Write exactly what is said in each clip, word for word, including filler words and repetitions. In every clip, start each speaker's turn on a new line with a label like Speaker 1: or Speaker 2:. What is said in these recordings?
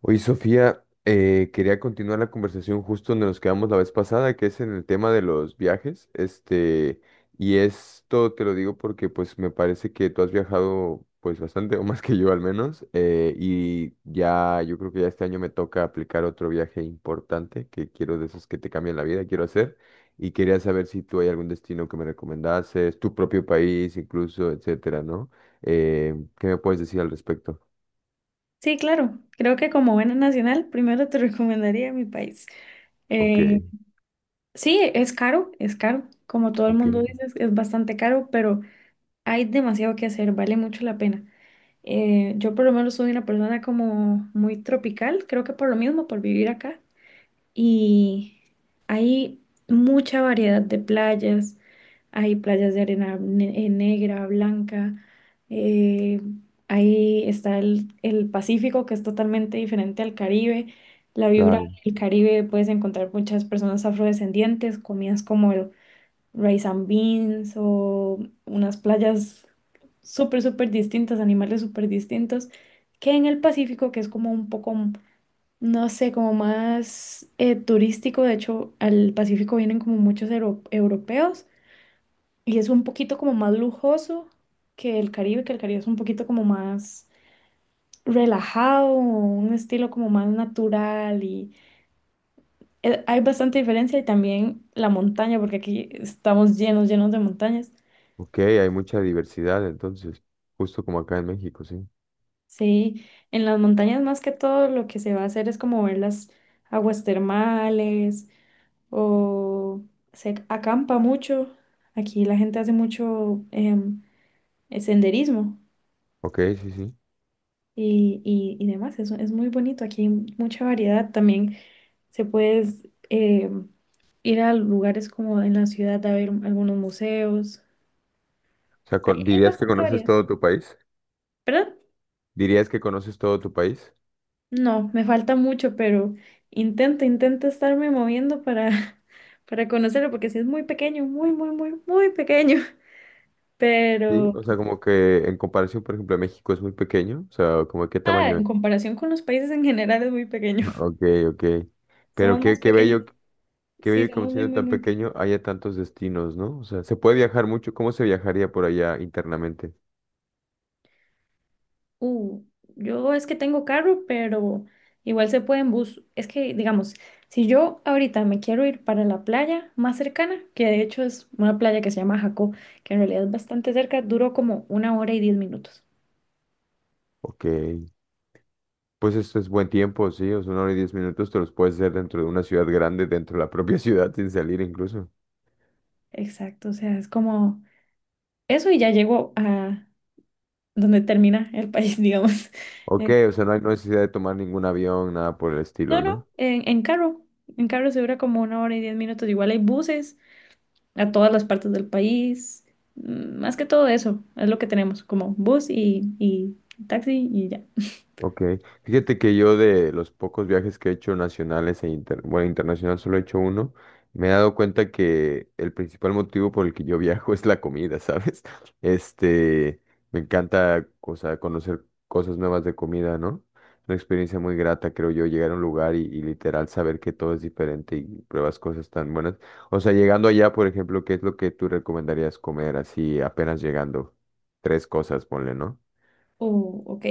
Speaker 1: Oye, Sofía, eh, quería continuar la conversación justo donde nos quedamos la vez pasada, que es en el tema de los viajes. Este, y esto te lo digo porque pues me parece que tú has viajado pues bastante, o más que yo al menos, eh, y ya yo creo que ya este año me toca aplicar otro viaje importante que quiero de esos que te cambian la vida, quiero hacer. Y quería saber si tú hay algún destino que me recomendases, tu propio país incluso, etcétera, ¿no? Eh, ¿qué me puedes decir al respecto?
Speaker 2: Sí, claro. Creo que como buena nacional, primero te recomendaría mi país.
Speaker 1: Ok,
Speaker 2: Eh, sí, es caro, es caro. Como todo el
Speaker 1: ok.
Speaker 2: mundo dice, es, es bastante caro, pero hay demasiado que hacer, vale mucho la pena. Eh, yo por lo menos soy una persona como muy tropical, creo que por lo mismo, por vivir acá. Y hay mucha variedad de playas, hay playas de arena ne- eh, negra, blanca. eh, ahí está el, el Pacífico, que es totalmente diferente al Caribe. La vibra del Caribe puedes encontrar muchas personas afrodescendientes, comidas como el rice and beans o unas playas súper, súper distintas, animales súper distintos, que en el Pacífico, que es como un poco, no sé, como más eh, turístico. De hecho, al Pacífico vienen como muchos euro- europeos y es un poquito como más lujoso que el Caribe, que el Caribe es un poquito como más relajado, un estilo como más natural y eh, hay bastante diferencia y también la montaña, porque aquí estamos llenos, llenos de montañas.
Speaker 1: Ok, hay mucha diversidad entonces, justo como acá en México, sí.
Speaker 2: Sí, en las montañas más que todo lo que se va a hacer es como ver las aguas termales o se acampa mucho. Aquí la gente hace mucho em, senderismo.
Speaker 1: Ok, sí, sí.
Speaker 2: y, y, y demás. Es, es muy bonito, aquí hay mucha variedad. También se puede eh, ir a lugares como en la ciudad a ver algunos museos.
Speaker 1: O sea,
Speaker 2: Hay,
Speaker 1: con-
Speaker 2: hay
Speaker 1: ¿dirías que
Speaker 2: bastante
Speaker 1: conoces
Speaker 2: variedad.
Speaker 1: todo tu país?
Speaker 2: ¿Perdón?
Speaker 1: ¿Dirías que conoces todo tu país?
Speaker 2: No, me falta mucho, pero intento, intento estarme moviendo para, para conocerlo, porque sí es muy pequeño, muy, muy, muy, muy pequeño.
Speaker 1: Sí,
Speaker 2: Pero,
Speaker 1: o sea, como que en comparación, por ejemplo, a México es muy pequeño, o sea, como de qué
Speaker 2: ah,
Speaker 1: tamaño
Speaker 2: en
Speaker 1: es.
Speaker 2: comparación con los países en general es muy pequeño.
Speaker 1: Ok, ok. Pero
Speaker 2: Somos más
Speaker 1: qué, qué
Speaker 2: pequeños.
Speaker 1: bello, qué
Speaker 2: Sí,
Speaker 1: bello que
Speaker 2: somos
Speaker 1: aun
Speaker 2: muy,
Speaker 1: siendo
Speaker 2: muy,
Speaker 1: tan
Speaker 2: muy pequeños.
Speaker 1: pequeño haya tantos destinos, ¿no? O sea, se puede viajar mucho, ¿cómo se viajaría por allá internamente?
Speaker 2: Uh, yo es que tengo carro, pero igual se puede en bus. Es que, digamos, si yo ahorita me quiero ir para la playa más cercana, que de hecho es una playa que se llama Jacó, que en realidad es bastante cerca, duró como una hora y diez minutos.
Speaker 1: Ok, pues esto es buen tiempo, sí, o sea, una hora y diez minutos te los puedes hacer dentro de una ciudad grande, dentro de la propia ciudad, sin salir incluso.
Speaker 2: Exacto, o sea, es como eso y ya llego a donde termina el país, digamos. Eh,
Speaker 1: Ok, o sea, no hay necesidad de tomar ningún avión, nada por el
Speaker 2: no,
Speaker 1: estilo,
Speaker 2: no,
Speaker 1: ¿no?
Speaker 2: en, en carro. En carro se dura como una hora y diez minutos. Igual hay buses a todas las partes del país. Mm, Más que todo eso, es lo que tenemos, como bus y, y taxi y ya.
Speaker 1: Ok, fíjate que yo de los pocos viajes que he hecho nacionales e inter- bueno, internacional solo he hecho uno, me he dado cuenta que el principal motivo por el que yo viajo es la comida, ¿sabes? Este, me encanta, o sea, conocer cosas nuevas de comida, ¿no? Una experiencia muy grata, creo yo, llegar a un lugar y, y literal saber que todo es diferente y pruebas cosas tan buenas. O sea, llegando allá, por ejemplo, ¿qué es lo que tú recomendarías comer así apenas llegando? Tres cosas, ponle, ¿no?
Speaker 2: Oh, ok.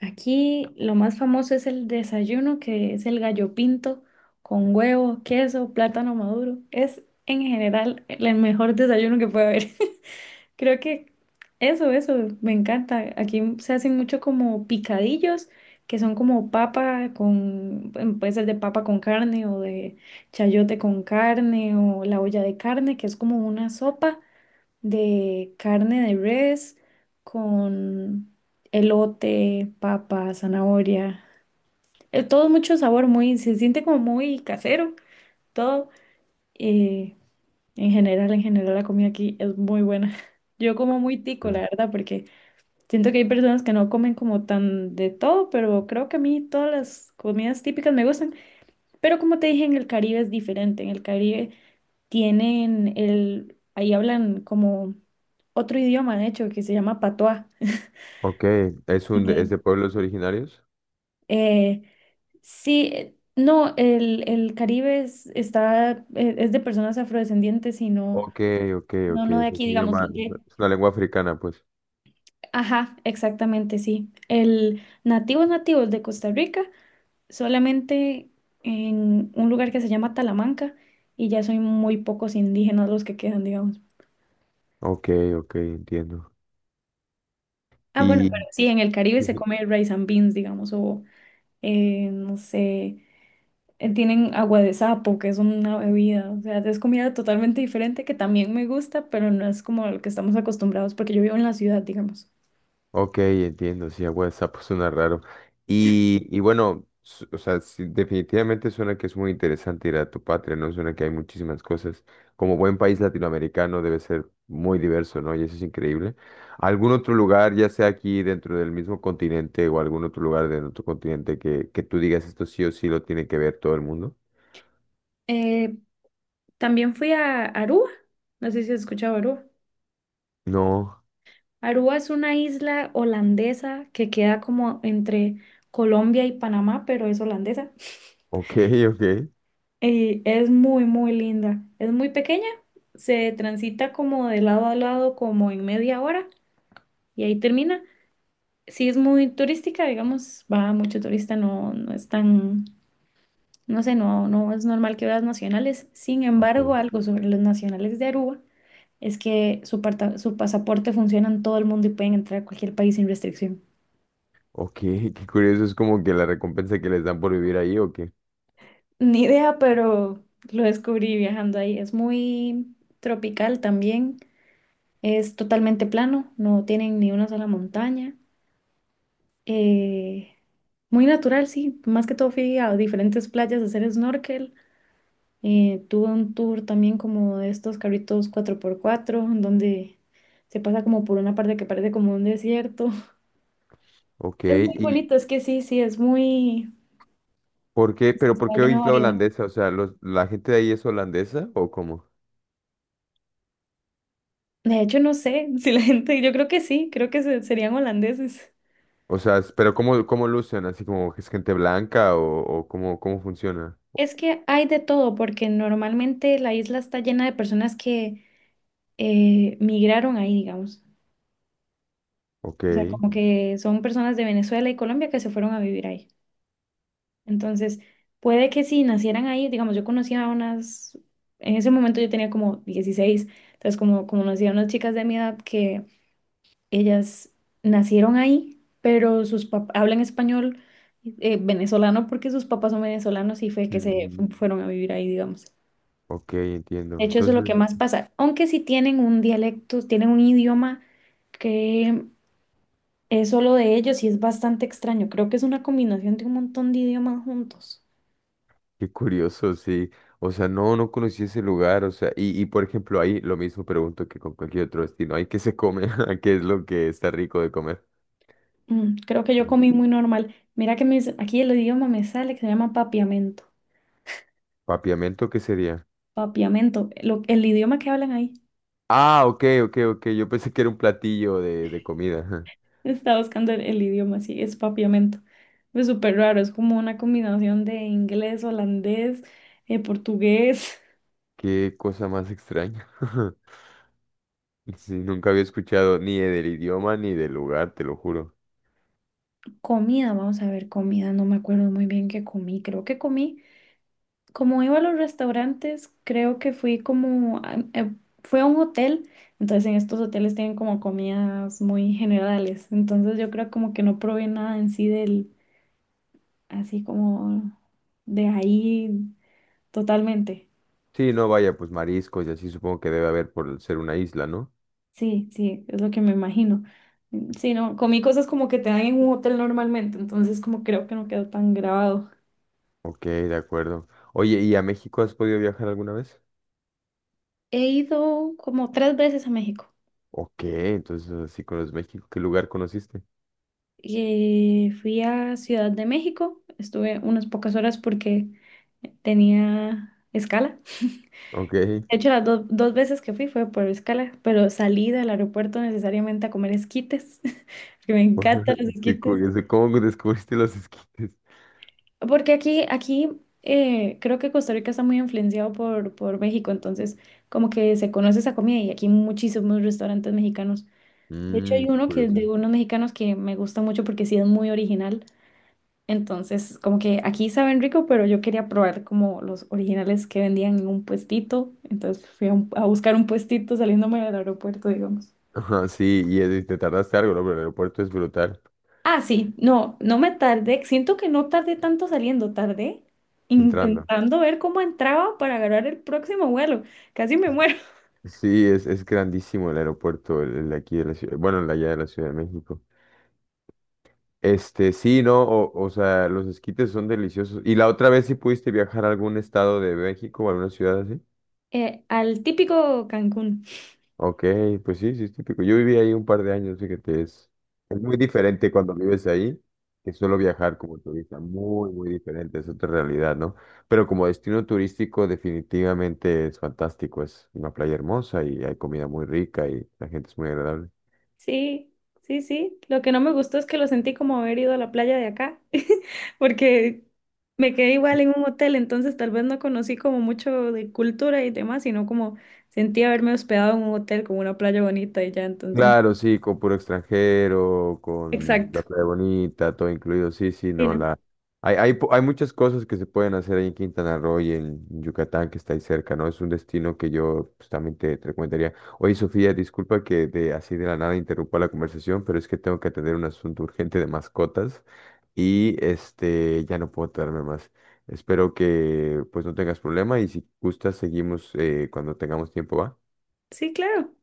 Speaker 2: Aquí lo más famoso es el desayuno, que es el gallo pinto con huevo, queso, plátano maduro. Es en general el mejor desayuno que puede haber. Creo que eso, eso, me encanta. Aquí se hacen mucho como picadillos, que son como papa con, em, puede ser de papa con carne o de chayote con carne o la olla de carne, que es como una sopa de carne de res con elote, papa, zanahoria. Eh, Todo mucho sabor, muy, se siente como muy casero, todo. Eh, en general, en general la comida aquí es muy buena. Yo como muy tico, la verdad, porque. Siento que hay personas que no comen como tan de todo, pero creo que a mí todas las comidas típicas me gustan. Pero como te dije, en el Caribe es diferente. En el Caribe tienen el, ahí hablan como otro idioma, de hecho, que se llama patois.
Speaker 1: Ok, ¿es, un, de- es
Speaker 2: Entonces,
Speaker 1: de pueblos originarios?
Speaker 2: eh, sí, eh, no, el, el Caribe es, está, eh, es de personas afrodescendientes y no,
Speaker 1: Ok, ok,
Speaker 2: no,
Speaker 1: ok,
Speaker 2: no
Speaker 1: o
Speaker 2: de
Speaker 1: sea,
Speaker 2: aquí,
Speaker 1: es un
Speaker 2: digamos.
Speaker 1: idioma-
Speaker 2: de-
Speaker 1: es una lengua africana, pues.
Speaker 2: Ajá, exactamente, sí. El nativos nativos de Costa Rica solamente en un lugar que se llama Talamanca y ya son muy pocos indígenas los que quedan, digamos.
Speaker 1: Ok, ok, entiendo.
Speaker 2: Ah, bueno,
Speaker 1: Y...
Speaker 2: pero sí, en el Caribe se come rice and beans, digamos, o eh, no sé, eh, tienen agua de sapo, que es una bebida, o sea, es comida totalmente diferente que también me gusta, pero no es como lo que estamos acostumbrados, porque yo vivo en la ciudad, digamos.
Speaker 1: Ok, entiendo, sí, a WhatsApp suena raro. Y, y bueno, su- o sea, sí, definitivamente suena que es muy interesante ir a tu patria, ¿no? Suena que hay muchísimas cosas. Como buen país latinoamericano debe ser muy diverso, ¿no? Y eso es increíble. ¿Algún otro lugar, ya sea aquí dentro del mismo continente o algún otro lugar de otro continente que, que tú digas esto sí o sí lo tiene que ver todo el mundo?
Speaker 2: Eh, También fui a Aruba, no sé si has escuchado Aruba.
Speaker 1: No,
Speaker 2: Aruba es una isla holandesa que queda como entre Colombia y Panamá, pero es holandesa.
Speaker 1: ok, ok.
Speaker 2: Y es muy, muy linda. Es muy pequeña, se transita como de lado a lado como en media hora y ahí termina. Sí es muy turística, digamos, va mucho turista, no, no es tan, no sé, no, no es normal que veas nacionales. Sin embargo,
Speaker 1: Ok,
Speaker 2: algo sobre los nacionales de Aruba es que su, parta- su pasaporte funciona en todo el mundo y pueden entrar a cualquier país sin restricción.
Speaker 1: ok, qué curioso, es como que la recompensa que les dan por vivir ahí, ok,
Speaker 2: Ni idea, pero lo descubrí viajando ahí. Es muy tropical también. Es totalmente plano, no tienen ni una sola montaña. Eh, Muy natural, sí. Más que todo fui a diferentes playas a hacer snorkel. Eh, tuve un tour también como de estos carritos cuatro por cuatro en donde se pasa como por una parte que parece como un desierto.
Speaker 1: ok,
Speaker 2: Es muy
Speaker 1: y,
Speaker 2: bonito, es que sí, sí, es muy.
Speaker 1: ¿Por qué? ¿Pero por
Speaker 2: Está
Speaker 1: qué
Speaker 2: lleno de
Speaker 1: oís la
Speaker 2: variedad.
Speaker 1: holandesa? O sea, los, ¿la gente de ahí es holandesa o cómo?
Speaker 2: De hecho, no sé si la gente, yo creo que sí, creo que se- serían holandeses.
Speaker 1: O sea, es- ¿pero cómo, cómo lucen? ¿Así como que es gente blanca o, o cómo, cómo funciona?
Speaker 2: Es que hay de todo, porque normalmente la isla está llena de personas que eh, migraron ahí, digamos.
Speaker 1: Ok.
Speaker 2: O sea, como que son personas de Venezuela y Colombia que se fueron a vivir ahí. Entonces, puede que si nacieran ahí, digamos, yo conocía a unas, en ese momento yo tenía como dieciséis entonces como, como conocía a unas chicas de mi edad que ellas nacieron ahí, pero sus papás hablan español eh, venezolano porque sus papás son venezolanos y fue que se
Speaker 1: Ujú.
Speaker 2: fu- fueron a vivir ahí, digamos.
Speaker 1: Ok,
Speaker 2: De
Speaker 1: entiendo.
Speaker 2: hecho, eso es lo
Speaker 1: Entonces,
Speaker 2: que más pasa. Aunque sí tienen un dialecto, tienen un idioma que es solo de ellos y es bastante extraño. Creo que es una combinación de un montón de idiomas juntos.
Speaker 1: qué curioso, sí. O sea, no, no conocí ese lugar. O sea, y, y por ejemplo, ahí lo mismo pregunto que con cualquier otro destino. ¿Ahí qué se come? ¿Qué es lo que está rico de comer?
Speaker 2: Mm, creo que yo
Speaker 1: Ujú.
Speaker 2: comí muy normal. Mira que me dice- aquí el idioma me sale que se llama papiamento.
Speaker 1: ¿Papiamento qué sería?
Speaker 2: Papiamento, lo- el idioma que hablan ahí.
Speaker 1: Ah, ok, ok, ok. Yo pensé que era un platillo de, de comida.
Speaker 2: Estaba buscando el, el idioma, sí, es papiamento. Es súper raro, es como una combinación de inglés, holandés, eh, portugués.
Speaker 1: Qué cosa más extraña. Sí, nunca había escuchado ni del idioma ni del lugar, te lo juro.
Speaker 2: Comida, vamos a ver, comida, no me acuerdo muy bien qué comí, creo que comí, como iba a los restaurantes, creo que fui como, a- eh, fui a un hotel, entonces en estos hoteles tienen como comidas muy generales, entonces yo creo como que no probé nada en sí del, así como de ahí totalmente,
Speaker 1: Sí, no, vaya, pues mariscos y así supongo que debe haber por ser una isla, ¿no?
Speaker 2: sí, sí, es lo que me imagino, Mm, sí, no, comí cosas como que te dan en un hotel normalmente, entonces como creo que no quedó tan grabado.
Speaker 1: Ok, de acuerdo. Oye, ¿y a México has podido viajar alguna vez?
Speaker 2: He ido como tres veces a México.
Speaker 1: Ok, entonces así conoces México. ¿Qué lugar conociste?
Speaker 2: Eh, fui a Ciudad de México, estuve unas pocas horas porque tenía escala.
Speaker 1: Ok,
Speaker 2: De hecho, las do- dos veces que fui fue por escala, pero salí del aeropuerto necesariamente a comer esquites, que me encantan los
Speaker 1: qué
Speaker 2: esquites.
Speaker 1: curioso. ¿Cómo descubriste los esquites?
Speaker 2: Porque aquí, aquí eh, creo que Costa Rica está muy influenciado por, por México, entonces como que se conoce esa comida y aquí hay muchísimos restaurantes mexicanos. De hecho,
Speaker 1: Mmm,
Speaker 2: hay
Speaker 1: qué
Speaker 2: uno que es
Speaker 1: curioso.
Speaker 2: de unos mexicanos que me gusta mucho porque sí es muy original. Entonces, como que aquí saben rico, pero yo quería probar como los originales que vendían en un puestito. Entonces fui a, un- a buscar un puestito saliéndome del aeropuerto, digamos.
Speaker 1: Ajá, sí, y eh, te tardaste algo, ¿no? Pero el aeropuerto es brutal
Speaker 2: Ah, sí, no, no me tardé. Siento que no tardé tanto saliendo, tardé
Speaker 1: entrando.
Speaker 2: intentando ver cómo entraba para agarrar el próximo vuelo. Casi me muero.
Speaker 1: Sí, es, es grandísimo el aeropuerto, el, el de aquí de la ciudad, bueno, el de allá de la Ciudad de México. Este, sí, no, o, o sea, los esquites son deliciosos. ¿Y la otra vez sí pudiste viajar a algún estado de México o alguna ciudad así?
Speaker 2: Eh, al típico Cancún.
Speaker 1: Ok, pues sí, sí es típico. Yo viví ahí un par de años, fíjate, es, es muy diferente cuando vives ahí que solo viajar como turista, muy, muy diferente, es otra realidad, ¿no? Pero como destino turístico definitivamente es fantástico, es una playa hermosa y hay comida muy rica y la gente es muy agradable.
Speaker 2: Sí, sí, sí. Lo que no me gustó es que lo sentí como haber ido a la playa de acá, porque me quedé igual en un hotel, entonces tal vez no conocí como mucho de cultura y demás, sino como sentí haberme hospedado en un hotel con una playa bonita y ya, entonces.
Speaker 1: Claro, sí, con puro extranjero, con la
Speaker 2: Exacto.
Speaker 1: playa bonita, todo incluido. Sí, sí,
Speaker 2: Sí,
Speaker 1: no,
Speaker 2: ¿no?
Speaker 1: la... Hay, hay, po- hay muchas cosas que se pueden hacer ahí en Quintana Roo y en Yucatán, que está ahí cerca, ¿no? Es un destino que yo pues, también te, te recomendaría. Oye, Sofía, disculpa que de, así de la nada interrumpa la conversación, pero es que tengo que atender un asunto urgente de mascotas y este, ya no puedo tardarme más. Espero que pues no tengas problema y si gustas seguimos eh, cuando tengamos tiempo, ¿va?
Speaker 2: Sí, claro.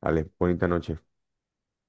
Speaker 1: Vale, bonita noche.